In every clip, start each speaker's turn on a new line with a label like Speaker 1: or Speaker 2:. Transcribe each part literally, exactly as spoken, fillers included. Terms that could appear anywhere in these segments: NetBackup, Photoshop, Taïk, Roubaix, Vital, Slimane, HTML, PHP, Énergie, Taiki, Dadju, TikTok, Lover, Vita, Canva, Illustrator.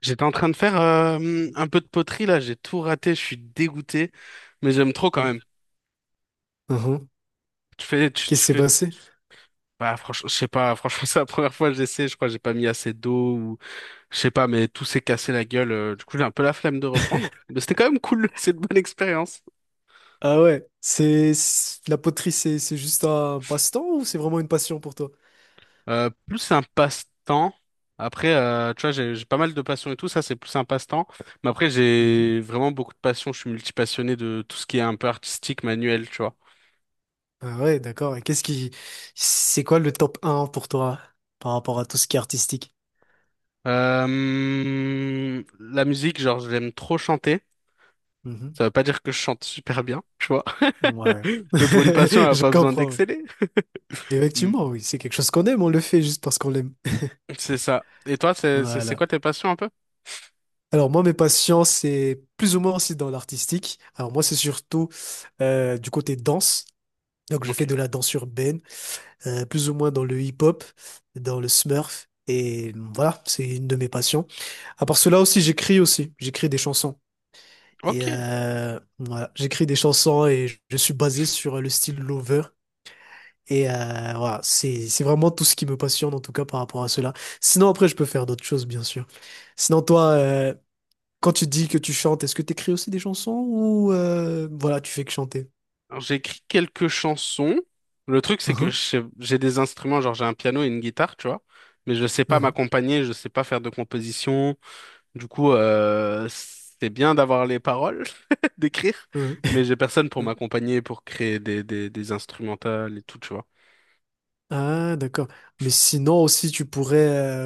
Speaker 1: J'étais en train de faire euh, un peu de poterie là, j'ai tout raté, je suis dégoûté, mais j'aime trop quand même.
Speaker 2: Mhm. Mhm.
Speaker 1: Tu fais, tu,
Speaker 2: Qu'est-ce
Speaker 1: tu
Speaker 2: qui s'est
Speaker 1: fais,
Speaker 2: passé?
Speaker 1: bah franchement, je sais pas, franchement c'est la première fois que j'essaie, je crois que j'ai pas mis assez d'eau ou je sais pas, mais tout s'est cassé la gueule. Euh, du coup j'ai un peu la flemme de reprendre, mais c'était quand même cool, c'est une bonne expérience.
Speaker 2: Ah ouais, c'est c'est- la poterie, c'est c'est juste un passe-temps ou c'est vraiment une passion pour toi?
Speaker 1: Euh, plus un passe-temps. Après, euh, tu vois, j'ai j'ai pas mal de passions et tout, ça c'est plus un passe-temps. Mais après
Speaker 2: Mhm.
Speaker 1: j'ai vraiment beaucoup de passions, je suis multipassionné de tout ce qui est un peu artistique, manuel, tu vois.
Speaker 2: Ah ouais, d'accord. Et qu'est-ce qui, c'est quoi le top un pour toi par rapport à tout ce qui est artistique?
Speaker 1: Euh, la musique, genre, j'aime trop chanter.
Speaker 2: Mhm.
Speaker 1: Ça veut pas dire que je chante super bien, tu vois.
Speaker 2: Ouais,
Speaker 1: Mais pour une passion, elle a
Speaker 2: je
Speaker 1: pas besoin
Speaker 2: comprends. Oui.
Speaker 1: d'exceller. Mm.
Speaker 2: Effectivement, oui, c'est quelque chose qu'on aime, on le fait juste parce qu'on l'aime.
Speaker 1: C'est ça. Et toi, c'est c'est- c'est
Speaker 2: Voilà.
Speaker 1: quoi tes passions un peu?
Speaker 2: Alors moi, mes passions, c'est plus ou moins aussi dans l'artistique. Alors moi, c'est surtout euh, du côté danse. Donc je
Speaker 1: Ok.
Speaker 2: fais de la danse urbaine. Euh, plus ou moins dans le hip-hop, dans le smurf. Et voilà, c'est une de mes passions. À part cela aussi, j'écris aussi. J'écris des chansons. Et
Speaker 1: Ok.
Speaker 2: euh, voilà, j'écris des chansons et je je suis basé sur le style Lover. Et euh, voilà, c'est c'est vraiment tout ce qui me passionne en tout cas par rapport à cela. Sinon après, je peux faire d'autres choses, bien sûr. Sinon toi, euh, quand tu dis que tu chantes, est-ce que tu écris aussi des chansons ou euh, voilà, tu fais que chanter?
Speaker 1: Alors, j'ai écrit quelques chansons. Le truc, c'est que je
Speaker 2: Uhum,
Speaker 1: sais- j'ai des instruments, genre j'ai un piano et une guitare, tu vois. Mais je sais pas
Speaker 2: uhum,
Speaker 1: m'accompagner, je sais pas faire de composition. Du coup, euh, c'est bien d'avoir les paroles, d'écrire,
Speaker 2: uhum.
Speaker 1: mais j'ai personne pour m'accompagner, pour créer des, des, des instrumentales et tout, tu vois.
Speaker 2: Ah, d'accord. Mais sinon aussi, tu pourrais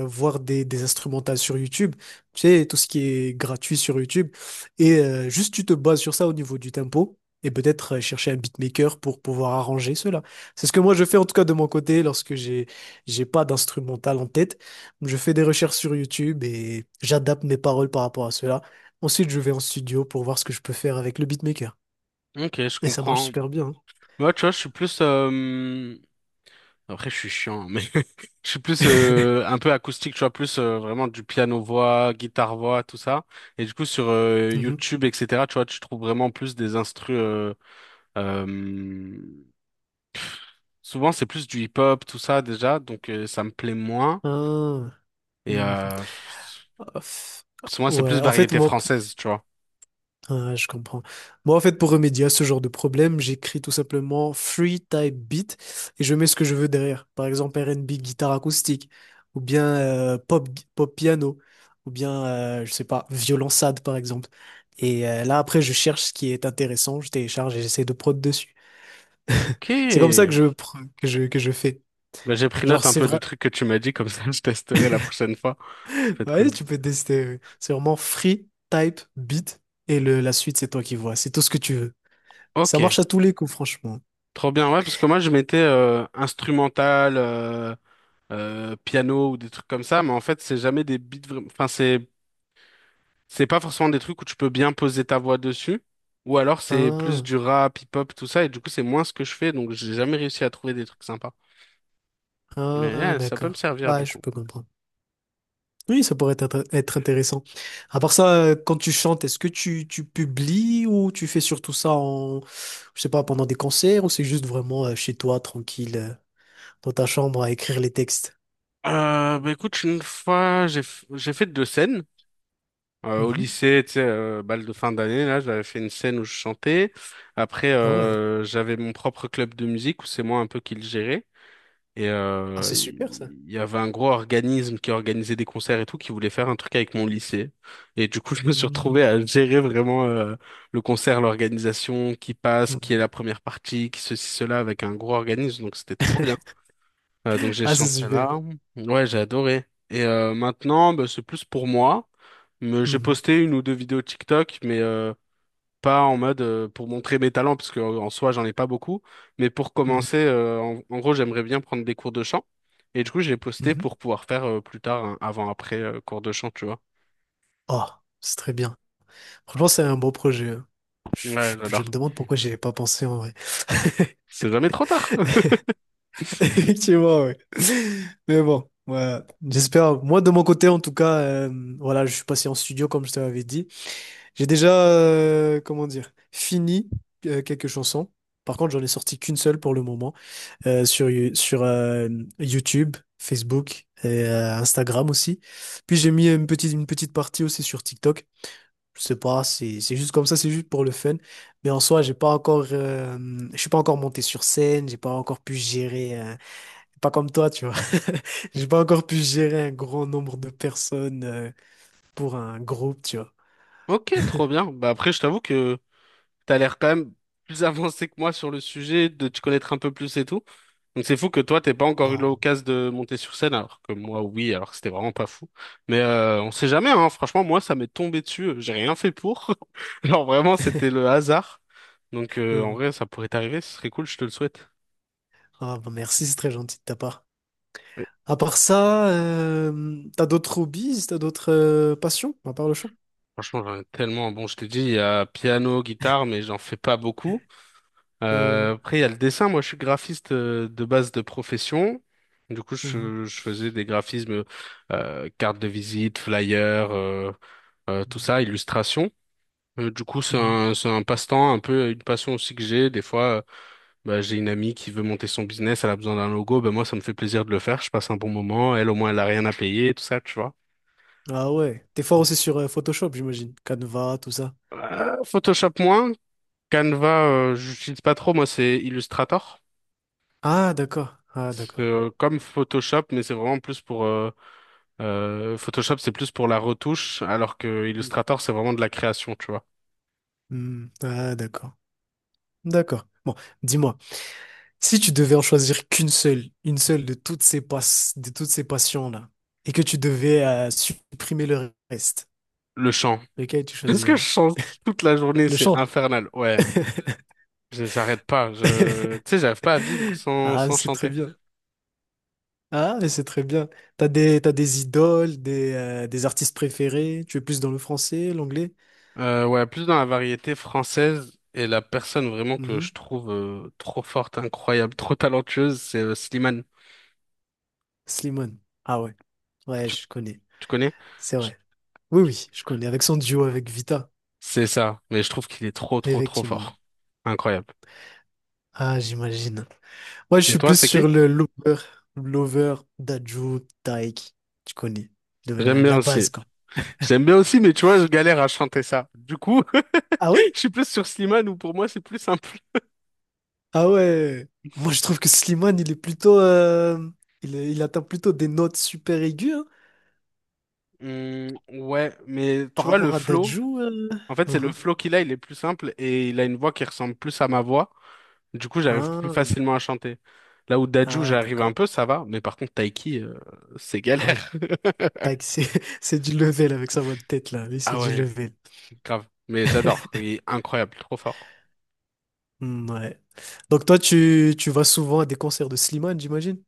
Speaker 2: euh, voir des, des instrumentales sur YouTube, tu sais, tout ce qui est gratuit sur YouTube. Et euh, juste, tu te bases sur ça au niveau du tempo et peut-être euh, chercher un beatmaker pour pouvoir arranger cela. C'est ce que moi, je fais en tout cas de mon côté lorsque j'ai, j'ai pas d'instrumental en tête. Je fais des recherches sur YouTube et j'adapte mes paroles par rapport à cela. Ensuite, je vais en studio pour voir ce que je peux faire avec le beatmaker.
Speaker 1: Ok, je
Speaker 2: Et ça marche
Speaker 1: comprends.
Speaker 2: super bien.
Speaker 1: Moi, tu vois, je suis plus... euh, Après, je suis chiant, hein, mais je suis plus
Speaker 2: Hein.
Speaker 1: euh, un peu acoustique, tu vois, plus euh, vraiment du piano-voix, guitare-voix, tout ça. Et du coup, sur euh,
Speaker 2: Mhm.
Speaker 1: YouTube, et cetera, tu vois, tu trouves vraiment plus des instrus... euh, euh, Souvent, c'est plus du hip-hop, tout ça, déjà, donc euh, ça me plaît moins.
Speaker 2: Ah.
Speaker 1: Et...
Speaker 2: Mhm.
Speaker 1: Euh...
Speaker 2: Ouf.
Speaker 1: Parce que moi, c'est
Speaker 2: Ouais,
Speaker 1: plus
Speaker 2: en fait,
Speaker 1: variété
Speaker 2: moi, p-
Speaker 1: française, tu vois.
Speaker 2: ah, je comprends. Moi, en fait, pour remédier à ce genre de problème, j'écris tout simplement free type beat et je mets ce que je veux derrière. Par exemple, R et B, guitare acoustique, ou bien euh, pop, gui- pop piano, ou bien, euh, je sais pas, violon sad par exemple. Et euh, là, après, je cherche ce qui est intéressant, je télécharge et j'essaie de prod dessus.
Speaker 1: Ok.
Speaker 2: C'est comme ça que je, pr- que je, que je fais.
Speaker 1: Ben j'ai pris
Speaker 2: Genre,
Speaker 1: note un
Speaker 2: c'est
Speaker 1: peu
Speaker 2: vrai.
Speaker 1: du truc que tu m'as dit, comme ça je testerai la prochaine fois. Ça peut être
Speaker 2: Ouais,
Speaker 1: cool.
Speaker 2: tu peux tester. Oui. C'est vraiment free, type, beat, et le, la suite, c'est toi qui vois. C'est tout ce que tu veux.
Speaker 1: Ok.
Speaker 2: Ça marche à tous les coups, franchement.
Speaker 1: Trop bien, ouais, parce que moi je mettais euh, instrumental, euh, euh, piano ou des trucs comme ça, mais en fait c'est jamais des beats, vra- enfin c'est C'est pas forcément des trucs où tu peux bien poser ta voix dessus, ou alors c'est plus du
Speaker 2: Ah,
Speaker 1: rap, hip-hop, tout ça, et du coup c'est moins ce que je fais, donc j'ai jamais réussi à trouver des trucs sympas. Mais
Speaker 2: ah,
Speaker 1: euh, ça peut me
Speaker 2: d'accord.
Speaker 1: servir
Speaker 2: Ah,
Speaker 1: du
Speaker 2: je
Speaker 1: coup.
Speaker 2: peux comprendre. Oui, ça pourrait être, être intéressant. À part ça, euh, quand tu chantes, est-ce que tu, tu publies ou tu fais surtout ça en, je sais pas, pendant des concerts ou c'est juste vraiment euh, chez toi, tranquille, euh, dans ta chambre à écrire les textes?
Speaker 1: Euh, bah écoute, une fois j'ai f- j'ai fait deux scènes. Euh, au
Speaker 2: Mhm.
Speaker 1: lycée, tu sais, euh, bal de fin d'année, là, j'avais fait une scène où je chantais. Après,
Speaker 2: Ah ouais.
Speaker 1: euh, j'avais mon propre club de musique où c'est moi un peu qui le gérais. Et
Speaker 2: Ah,
Speaker 1: euh,
Speaker 2: c'est super ça.
Speaker 1: il y avait un gros organisme qui organisait des concerts et tout, qui voulait faire un truc avec mon lycée. Et du coup, je me suis
Speaker 2: Mhm.
Speaker 1: retrouvé à gérer vraiment euh, le concert, l'organisation, qui passe, qui est
Speaker 2: Mhm.
Speaker 1: la première partie, qui ceci, cela, avec un gros organisme. Donc, c'était trop bien. Euh, donc, j'ai
Speaker 2: Ah, c'est
Speaker 1: chanté
Speaker 2: super.
Speaker 1: là. Ouais, j'ai adoré. Et euh, maintenant, bah, c'est plus pour moi. Mais j'ai
Speaker 2: Mhm.
Speaker 1: posté une ou deux vidéos TikTok, mais euh, pas en mode euh, pour montrer mes talents, parce que euh, en soi, j'en ai pas beaucoup. Mais pour
Speaker 2: Mhm.
Speaker 1: commencer, euh, en, en gros, j'aimerais bien prendre des cours de chant. Et du coup, je l'ai posté
Speaker 2: Mhm.
Speaker 1: pour pouvoir faire euh, plus tard un avant-après euh, cours de chant, tu vois.
Speaker 2: Ah, c'est très bien. Franchement, c'est un bon projet. Hein. Je,
Speaker 1: Ouais,
Speaker 2: je- je
Speaker 1: j'adore.
Speaker 2: me demande pourquoi j'y ai pas pensé en vrai.
Speaker 1: C'est jamais trop tard.
Speaker 2: Effectivement, ouais. Mais bon, ouais. J'espère. Moi, de mon côté, en tout cas, euh, voilà, je suis passé en studio, comme je te l'avais dit. J'ai déjà, euh, comment dire, fini euh, quelques chansons. Par contre, j'en ai sorti qu'une seule pour le moment euh, sur, Yo- sur euh, YouTube, Facebook et euh, Instagram aussi. Puis j'ai mis une petite, une petite partie aussi sur TikTok. Je sais pas, c'est c'est juste comme ça, c'est juste pour le fun. Mais en soi, j'ai pas encore, euh, je suis pas encore monté sur scène, j'ai pas encore pu gérer, un- pas comme toi, tu vois. J'ai pas encore pu gérer un grand nombre de personnes euh, pour un groupe, tu vois.
Speaker 1: Ok, trop bien. Bah après, je t'avoue que t'as l'air quand même plus avancé que moi sur le sujet, de te connaître un peu plus et tout. Donc c'est fou que toi, t'aies pas encore eu
Speaker 2: Non.
Speaker 1: l'occasion de monter sur scène, alors que moi, oui, alors que c'était vraiment pas fou. Mais euh, on sait jamais, hein. Franchement, moi, ça m'est tombé dessus. euh, J'ai rien fait pour. Genre vraiment, c'était le hasard. Donc euh, en
Speaker 2: Hum.
Speaker 1: vrai, ça pourrait t'arriver, ce serait cool, je te le souhaite.
Speaker 2: Ah, bah merci, c'est très gentil de ta part.
Speaker 1: Mais
Speaker 2: À part ça, euh, t'as d'autres hobbies, t'as d'autres euh, passions, à part le chant?
Speaker 1: franchement, j'en ai tellement. Bon, je t'ai dit, il y a piano, guitare, mais j'en fais pas beaucoup.
Speaker 2: Euh,
Speaker 1: Euh, après, il y a le dessin. Moi, je suis graphiste euh, de base de profession. Du coup,
Speaker 2: mhm,
Speaker 1: je, je faisais des graphismes, euh, cartes de visite, flyers, euh, euh, tout ça, illustrations. Euh, du coup, c'est
Speaker 2: mhm.
Speaker 1: un, c'est un passe-temps, un peu une passion aussi que j'ai. Des fois, euh, bah, j'ai une amie qui veut monter son business, elle a besoin d'un logo. Ben moi, ça me fait plaisir de le faire. Je passe un bon moment. Elle, au moins, elle a rien à payer, tout ça, tu vois.
Speaker 2: Ah ouais, t'es fort aussi sur euh, Photoshop, j'imagine. Canva, tout ça.
Speaker 1: Euh, Photoshop moins. Canva, euh, j'utilise pas trop. Moi, c'est Illustrator.
Speaker 2: Ah d'accord, ah
Speaker 1: C'est,
Speaker 2: d'accord.
Speaker 1: euh, comme Photoshop, mais c'est vraiment plus pour euh, Euh, Photoshop, c'est plus pour la retouche, alors que Illustrator, c'est vraiment de la création, tu vois.
Speaker 2: Hmm. Ah, d'accord. D'accord. Bon, dis-moi, si tu devais en choisir qu'une seule, une seule de toutes ces pass- de toutes ces passions-là, et que tu devais euh, supprimer le reste,
Speaker 1: Le chant.
Speaker 2: lequel tu
Speaker 1: Est-ce que je
Speaker 2: choisirais?
Speaker 1: chante toute la journée?
Speaker 2: Le
Speaker 1: C'est
Speaker 2: chant.
Speaker 1: infernal. Ouais, Je- j'arrête pas. Je... Tu sais, j'arrive pas à vivre sans,
Speaker 2: Ah, mais
Speaker 1: sans
Speaker 2: c'est très
Speaker 1: chanter.
Speaker 2: bien. Ah, mais c'est très bien. T'as des, t'as des idoles, des, euh, des artistes préférés. Tu es plus dans le français, l'anglais?
Speaker 1: Euh, ouais, plus dans la variété française. Et la personne vraiment que
Speaker 2: Mhm.
Speaker 1: je trouve euh, trop forte, incroyable, trop talentueuse, c'est euh, Slimane.
Speaker 2: Slimane. Ah ouais. Ouais,
Speaker 1: Tu,
Speaker 2: je connais.
Speaker 1: tu connais?
Speaker 2: C'est
Speaker 1: Je-
Speaker 2: vrai. Oui, oui, je connais. Avec son duo avec Vita.
Speaker 1: C'est ça, mais je trouve qu'il est trop, trop, trop
Speaker 2: Effectivement.
Speaker 1: fort. Incroyable.
Speaker 2: Ah, j'imagine. Moi, je
Speaker 1: Et
Speaker 2: suis
Speaker 1: toi,
Speaker 2: plus
Speaker 1: c'est qui?
Speaker 2: sur le Lover, Lover, Dadju, Taïk. Tu connais le-
Speaker 1: J'aime
Speaker 2: la,
Speaker 1: bien
Speaker 2: la
Speaker 1: aussi.
Speaker 2: base, quoi.
Speaker 1: J'aime bien aussi, mais tu vois, je galère à chanter ça. Du coup,
Speaker 2: Ah ouais?
Speaker 1: je suis plus sur Slimane où pour moi, c'est plus simple.
Speaker 2: Ah ouais. Moi, je trouve que Slimane, il est plutôt. euh, il, il atteint plutôt des notes super aiguës hein,
Speaker 1: Hmm, ouais, mais
Speaker 2: par
Speaker 1: tu vois, le
Speaker 2: rapport à
Speaker 1: flow,
Speaker 2: Dadju. Euh.
Speaker 1: en fait, c'est le
Speaker 2: Mhm.
Speaker 1: flow qu'il a, il est plus simple et il a une voix qui ressemble plus à ma voix. Du coup, j'arrive plus
Speaker 2: Ah,
Speaker 1: facilement à chanter. Là où Dadju,
Speaker 2: ah,
Speaker 1: j'arrive un
Speaker 2: d'accord.
Speaker 1: peu, ça va, mais par contre, Taiki, euh, c'est
Speaker 2: Ah ouais.
Speaker 1: galère.
Speaker 2: Taïk, c'est c'est du level avec sa voix de tête, là. Lui, c'est
Speaker 1: Ah
Speaker 2: du
Speaker 1: ouais,
Speaker 2: level.
Speaker 1: grave. Mais j'adore, il est incroyable, trop fort.
Speaker 2: Hmm, ouais. Donc, toi, tu, tu vas souvent à des concerts de Slimane, j'imagine?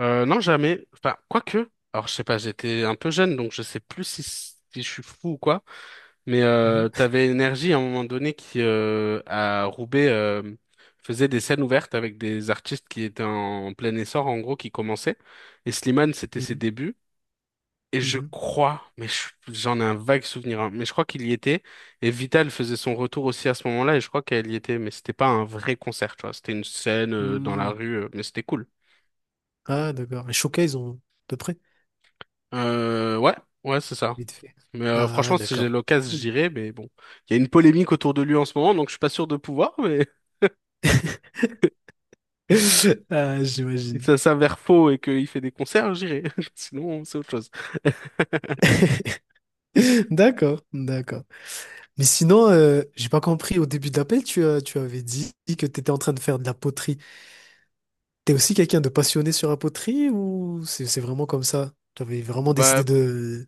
Speaker 1: Euh, non, jamais. Enfin, quoique. Alors, je sais pas, j'étais un peu jeune, donc je sais plus si, si je suis fou ou quoi. Mais euh,
Speaker 2: Mhm.
Speaker 1: t'avais Énergie à un moment donné qui, euh, à Roubaix, euh, faisait des scènes ouvertes avec des artistes qui étaient en plein essor, en gros, qui commençaient. Et Slimane, c'était ses
Speaker 2: Mhm.
Speaker 1: débuts. Et je
Speaker 2: Mhm.
Speaker 1: crois, mais je- j'en ai un vague souvenir, hein, mais je crois qu'il y était. Et Vital faisait son retour aussi à ce moment-là, et je crois qu'elle y était. Mais c'était pas un vrai concert, tu vois. C'était une scène euh, dans la
Speaker 2: Hmm.
Speaker 1: rue, euh, mais c'était cool.
Speaker 2: Ah, d'accord. Les showcase, on... de près.
Speaker 1: Euh, ouais, ouais, c'est ça.
Speaker 2: Vite fait.
Speaker 1: Mais euh,
Speaker 2: Ah,
Speaker 1: franchement, si j'ai
Speaker 2: d'accord.
Speaker 1: l'occasion, j'irai mais bon, il y a une polémique autour de lui en ce moment, donc je suis pas sûr de pouvoir, mais
Speaker 2: Ah,
Speaker 1: si
Speaker 2: j'imagine.
Speaker 1: ça s'avère faux et qu'il fait des concerts, j'irai. Sinon, c'est autre chose.
Speaker 2: D'accord, d'accord. Mais sinon, euh, j'ai pas compris. Au début de l'appel, tu, as- tu avais dit que tu étais en train de faire de la poterie. T'es aussi quelqu'un de passionné sur la poterie ou c'est c'est vraiment comme ça? Tu avais vraiment décidé
Speaker 1: Bah,
Speaker 2: de,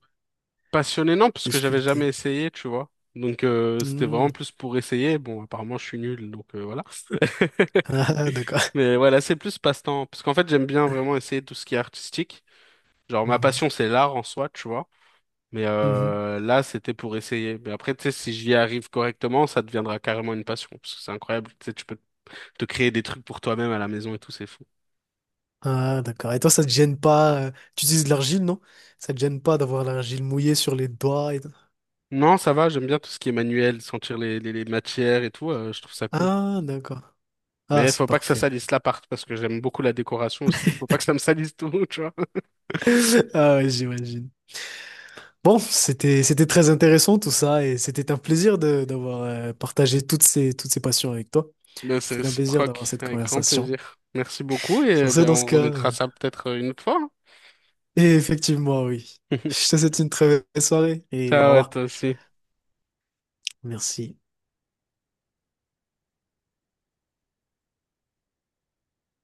Speaker 1: passionné, non, parce
Speaker 2: de
Speaker 1: que j'avais
Speaker 2: sculpter.
Speaker 1: jamais essayé, tu vois. Donc, euh, c'était
Speaker 2: Hmm.
Speaker 1: vraiment plus pour essayer. Bon, apparemment, je suis nul, donc euh, voilà.
Speaker 2: Ah, d'accord.
Speaker 1: Mais voilà, c'est plus passe-temps. Parce qu'en fait, j'aime bien vraiment essayer tout ce qui est artistique. Genre, ma
Speaker 2: Hmm.
Speaker 1: passion, c'est l'art en soi, tu vois. Mais
Speaker 2: Mhm.
Speaker 1: euh, là, c'était pour essayer. Mais après, tu sais, si j'y arrive correctement, ça deviendra carrément une passion. Parce que c'est incroyable. Tu sais, tu peux te créer des trucs pour toi-même à la maison et tout, c'est fou.
Speaker 2: Ah, d'accord. Et toi, ça te gêne pas? euh, Tu utilises de l'argile, non? Ça te gêne pas d'avoir l'argile mouillée sur les doigts et tout.
Speaker 1: Non, ça va, j'aime bien tout ce qui est manuel, sentir les, les, les matières et tout, euh, je trouve ça cool.
Speaker 2: Ah, d'accord. Ah,
Speaker 1: Mais
Speaker 2: c'est
Speaker 1: faut pas que ça
Speaker 2: parfait.
Speaker 1: salisse l'appart, parce que j'aime beaucoup la décoration aussi. Faut pas que ça me salisse tout, tu vois.
Speaker 2: Ah ouais, j'imagine. Bon, c'était c'était très intéressant tout ça et c'était un plaisir de d'avoir euh, partagé toutes ces toutes ces passions avec toi.
Speaker 1: Mais c'est
Speaker 2: C'était un plaisir d'avoir
Speaker 1: réciproque,
Speaker 2: cette
Speaker 1: avec grand
Speaker 2: conversation.
Speaker 1: plaisir. Merci beaucoup et
Speaker 2: Sur
Speaker 1: euh,
Speaker 2: ce,
Speaker 1: ben,
Speaker 2: dans ce
Speaker 1: on
Speaker 2: cas,
Speaker 1: remettra
Speaker 2: euh,
Speaker 1: ça peut-être euh, une autre fois.
Speaker 2: et effectivement, oui. Je te souhaite une très belle soirée et au
Speaker 1: Ciao à
Speaker 2: revoir.
Speaker 1: toi aussi.
Speaker 2: Merci.